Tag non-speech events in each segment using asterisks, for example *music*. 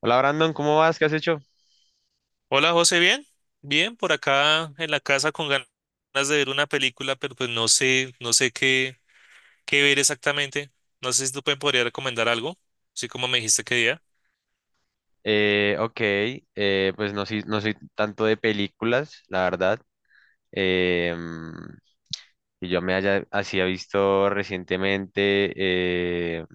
Hola Brandon, ¿cómo vas? ¿Qué has hecho? Hola José, ¿bien? Bien, por acá en la casa con ganas de ver una película, pero pues no sé qué ver exactamente. No sé si tú me podrías recomendar algo, así como me dijiste que día. Ok, pues no, no soy tanto de películas, la verdad. Eh, mm, que yo me haya así ha visto recientemente, eh,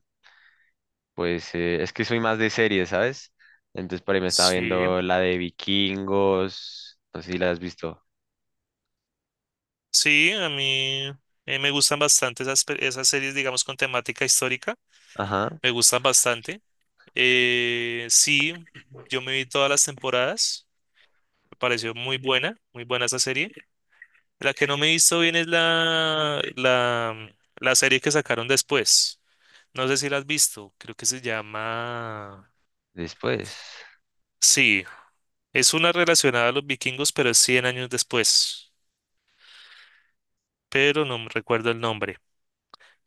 pues es que soy más de series, ¿sabes? Entonces por ahí me estaba Sí, viendo la de Vikingos, no sé si la has visto. sí, a mí me gustan bastante esas series, digamos, con temática histórica, Ajá, me gustan bastante. Sí, yo me vi todas las temporadas, me pareció muy buena esa serie. La que no me he visto bien es la serie que sacaron después. No sé si la has visto, creo que se llama... después. Sí, es una relacionada a los vikingos, pero es 100 años después, pero no me recuerdo el nombre.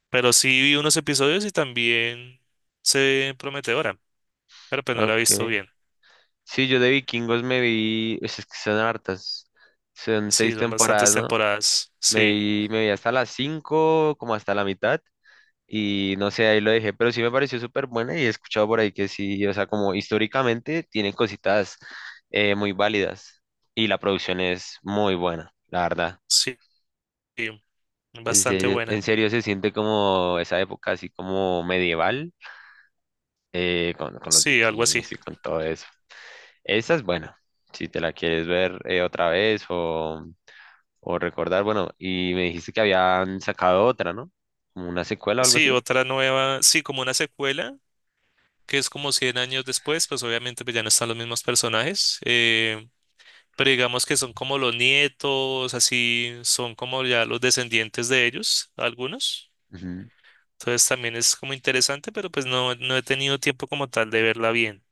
Pero sí vi unos episodios y también se ve prometedora, pero pues no la he Ok. visto bien. Sí, yo de Vikingos me vi, pues, es que son hartas, son Sí, seis son bastantes temporadas, ¿no? temporadas, sí, Me vi hasta las 5 como hasta la mitad, y no sé, ahí lo dejé, pero sí me pareció súper buena y he escuchado por ahí que sí, o sea, como históricamente tienen cositas muy válidas y la producción es muy buena, la verdad. sí, sí, bastante buena. En serio se siente como esa época así como medieval, con los Sí, algo así. vikingos y con todo eso. Esa es buena, si te la quieres ver otra vez o recordar, bueno, y me dijiste que habían sacado otra, ¿no? Como una secuela o algo Sí, así. otra nueva, sí, como una secuela, que es como 100 años después, pues obviamente pues ya no están los mismos personajes. Pero digamos que son como los nietos, así son como ya los descendientes de ellos, algunos. Ujú. Entonces también es como interesante, pero pues no, no he tenido tiempo como tal de verla bien.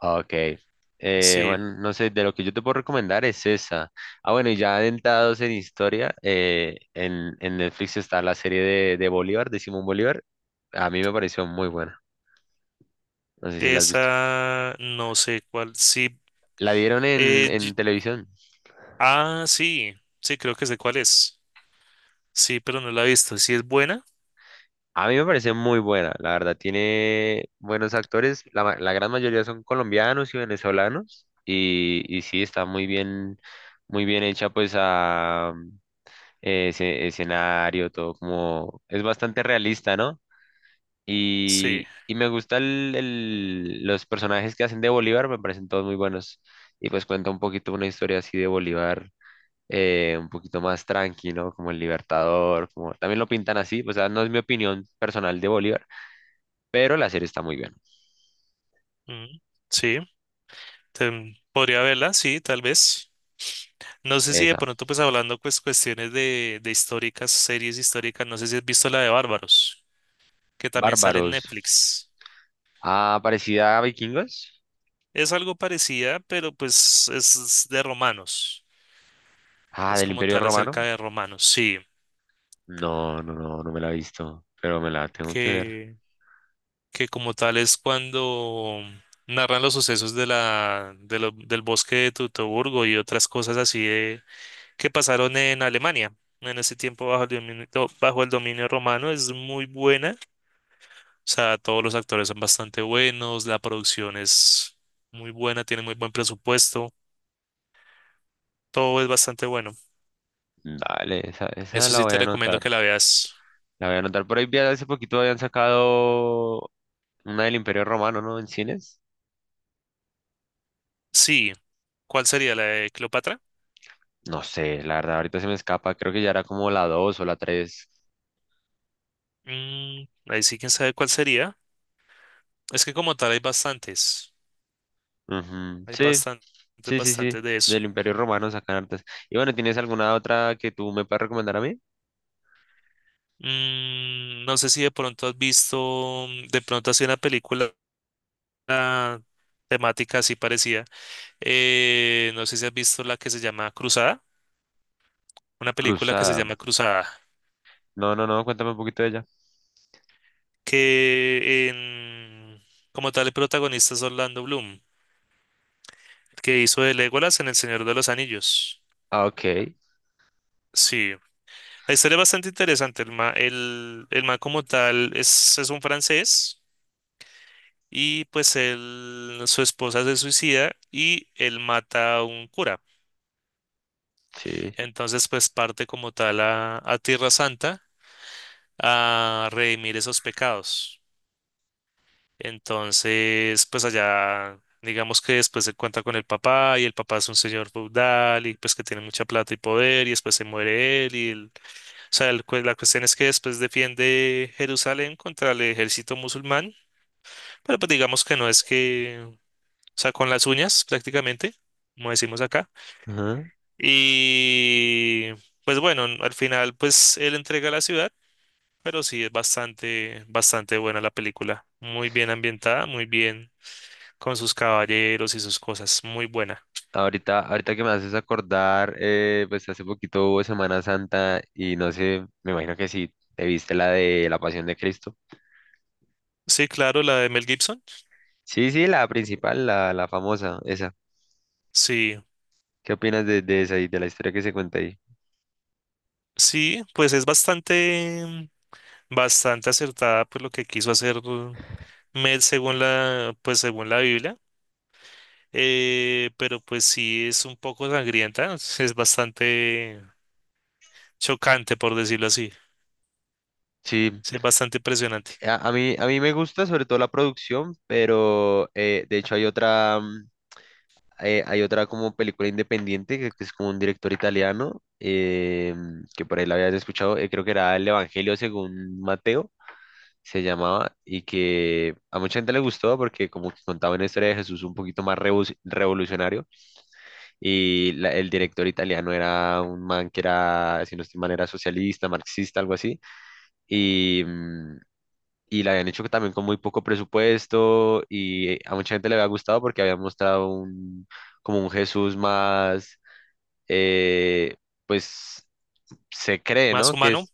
Ok. Sí, Bueno, no sé, de lo que yo te puedo recomendar es esa. Ah, bueno, y ya adentrados en historia, en Netflix está la serie de Bolívar, de Simón Bolívar. A mí me pareció muy buena. No sé si la has visto. esa no sé cuál. Sí, La dieron eh, en y- televisión. ah, sí, sí, creo que sé cuál es. Sí, pero no la he visto. Sí es buena, A mí me parece muy buena, la verdad. Tiene buenos actores. La gran mayoría son colombianos y venezolanos. Y sí, está muy bien hecha, pues a ese escenario, todo como es bastante realista, ¿no? sí. Y me gusta los personajes que hacen de Bolívar, me parecen todos muy buenos. Y pues cuenta un poquito una historia así de Bolívar, un poquito más tranqui, ¿no? Como el Libertador, como también lo pintan así, o sea, no es mi opinión personal de Bolívar, pero la serie está muy bien. Mm, sí, podría verla, sí, tal vez. No sé si de Esa. pronto, pues hablando pues cuestiones de series históricas, no sé si has visto la de Bárbaros, que también sale en Bárbaros. Netflix. Ah, parecida a Vikingos. Es algo parecida, pero pues es de romanos. Ah, Es del como Imperio tal acerca Romano. de romanos, sí. No, no me la he visto, pero me la tengo que ver. Que, que como tal es cuando narran los sucesos de la, de lo- del bosque de Teutoburgo y otras cosas así que pasaron en Alemania en ese tiempo bajo el dominio romano. Es muy buena. O sea, todos los actores son bastante buenos, la producción es muy buena, tiene muy buen presupuesto, todo es bastante bueno. Dale, esa Eso la sí voy te a recomiendo que anotar. la veas. La voy a anotar. Por ahí vi hace poquito habían sacado una del Imperio Romano, ¿no? En cines. Sí. ¿Cuál sería la de Cleopatra? No sé, la verdad, ahorita se me escapa. Creo que ya era como la 2 o la tres. Mm, Ahí sí, quién sabe cuál sería. Es que como tal hay bastantes. Ujú, Hay sí, bastantes, sí, sí, sí. bastantes de eso. Del Imperio Romano sacan artes. Y bueno, ¿tienes alguna otra que tú me puedas recomendar a mí? No sé si de pronto has visto, de pronto así una película ah, temática así parecida. No sé si has visto la que se llama Cruzada. Una película que se Cruzada. llama Cruzada. No, no, no, cuéntame un poquito de ella. Que en, como tal el protagonista es Orlando Bloom, que hizo de Legolas en El Señor de los Anillos. Ah, ok. Sí, la historia es bastante interesante. El man como tal es, un francés y pues él, su esposa se suicida y él mata a un cura. Sí. Entonces pues parte como tal a Tierra Santa a redimir esos pecados. Entonces pues allá digamos que después se cuenta con el papá y el papá es un señor feudal y pues que tiene mucha plata y poder y después se muere él y él. O sea, la cuestión es que después defiende Jerusalén contra el ejército musulmán, pero pues digamos que no es que, o sea, con las uñas prácticamente, como decimos acá. Y pues bueno, al final pues él entrega la ciudad, pero sí es bastante, bastante buena la película. Muy bien ambientada, muy bien con sus caballeros y sus cosas, muy buena. Ahorita que me haces acordar, pues hace poquito hubo Semana Santa y no sé, me imagino que sí, te viste la de la Pasión de Cristo. Sí, claro, la de Mel Gibson. Sí, sí, la principal, la famosa, esa. Sí, ¿Qué opinas de esa y de la historia que se cuenta ahí? sí, pues es bastante, bastante acertada por lo que quiso hacer Med según la, pues según la Biblia, pero pues sí es un poco sangrienta, es bastante chocante por decirlo así, Sí, sí, es bastante impresionante. A mí me gusta sobre todo la producción, pero de hecho hay otra, hay otra como película independiente que es como un director italiano, que por ahí la habías escuchado, creo que era El Evangelio según Mateo se llamaba, y que a mucha gente le gustó porque como que contaba una historia de Jesús un poquito más revolucionario, y el director italiano era un man que era, si no estoy mal, era socialista, marxista, algo así, y... mm, y la habían hecho también con muy poco presupuesto y a mucha gente le había gustado porque había mostrado como un Jesús más, eh, pues se cree, ¿Más ¿no? Que humano?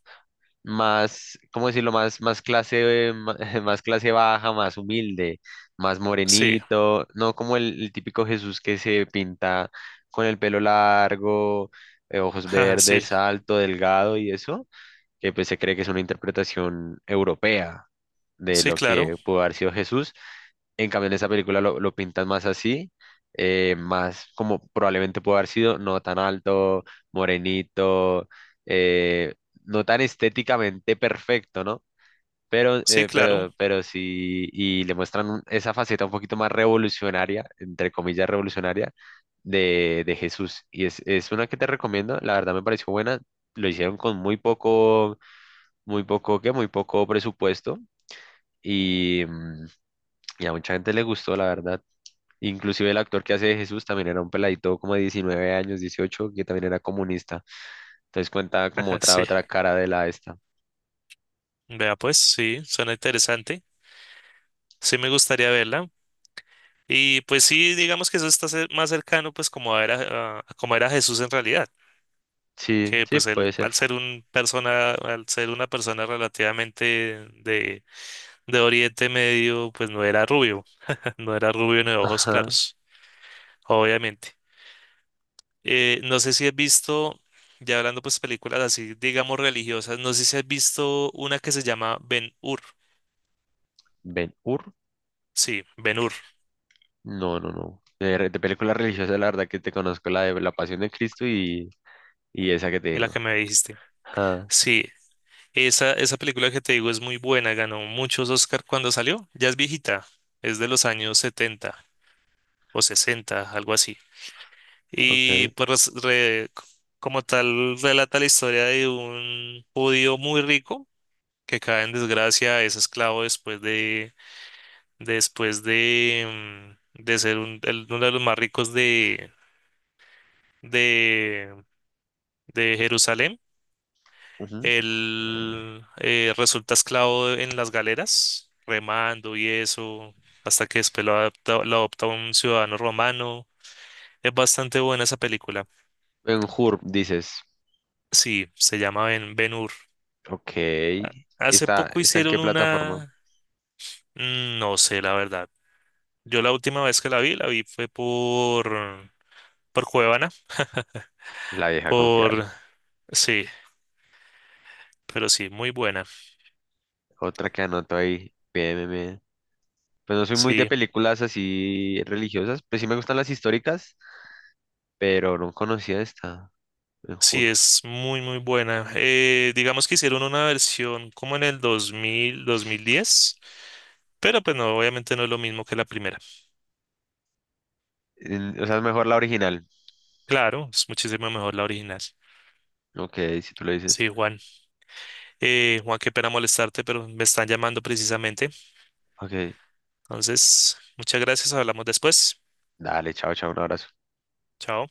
más, ¿cómo decirlo? Más clase, *laughs* más clase baja, más humilde, más Sí, morenito, no como el típico Jesús que se pinta con el pelo largo, ojos ajá, sí, verdes, alto, delgado y eso, que pues se cree que es una interpretación europea de sí, lo claro, que pudo haber sido Jesús. En cambio, en esa película lo pintan más así, más como probablemente pudo haber sido, no tan alto, morenito, eh, no tan estéticamente perfecto, ¿no? Pero, sí, claro, pero sí, y le muestran esa faceta un poquito más revolucionaria, entre comillas revolucionaria, de Jesús. Es una que te recomiendo, la verdad me pareció buena, lo hicieron con muy poco, ¿qué? Muy poco presupuesto. Y, mm, y a mucha gente le gustó, la verdad. Inclusive el actor que hace de Jesús también era un peladito como de 19 años, 18 que también era comunista. Entonces cuenta como ajá, otra, sí. otra cara de la esta. Vea pues, sí, suena interesante, sí me gustaría verla. Y pues sí, digamos que eso está más cercano pues como era, a como era Jesús en realidad. Sí, Que sí, pues puede él ser. Al ser una persona relativamente de de Oriente Medio, pues no era rubio, *laughs* no era rubio ni de ojos Ajá. claros, obviamente. No sé si has visto, ya hablando pues películas así, digamos religiosas, no sé si has visto una que se llama Ben-Hur, Ben Hur. sí, Ben-Hur, No, no, no. De, de películas religiosas, la verdad que te conozco la de La Pasión de Cristo y esa que te de la digo. que me dijiste. Ajá, Sí, esa película que te digo es muy buena, ganó muchos Oscar cuando salió, ya es viejita, es de los años 70 o 60, algo así. Y ok. pues como tal relata la historia de un judío muy rico que cae en desgracia, es esclavo después de ser uno de los más ricos de, de, de Jerusalén. Ujú. Él resulta esclavo en las galeras, remando y eso, hasta que después lo adopta un ciudadano romano. Es bastante buena esa película. Ben Hur, dices. Sí, se llama Ben-Hur. Ok. Hace ¿Está, poco está en qué hicieron plataforma? una. No sé, la verdad. Yo la última vez que la vi fue por Cuevana, La vieja por... confiable. Sí, pero sí, muy buena. Otra que anoto ahí. PMM. Pues no soy muy de Sí, películas así religiosas, pues sí me gustan las históricas, pero no conocía esta, me sí, juro. es muy, muy buena. Digamos que hicieron una versión como en el 2000, 2010, pero pues no, obviamente no es lo mismo que la primera. En- O sea, es mejor la original. Claro, es muchísimo mejor la original. Ok, si tú lo dices. Sí, Juan. Juan, qué pena molestarte, pero me están llamando precisamente. Ok, Entonces, muchas gracias, hablamos después. dale, chao, chao, un abrazo. Chao.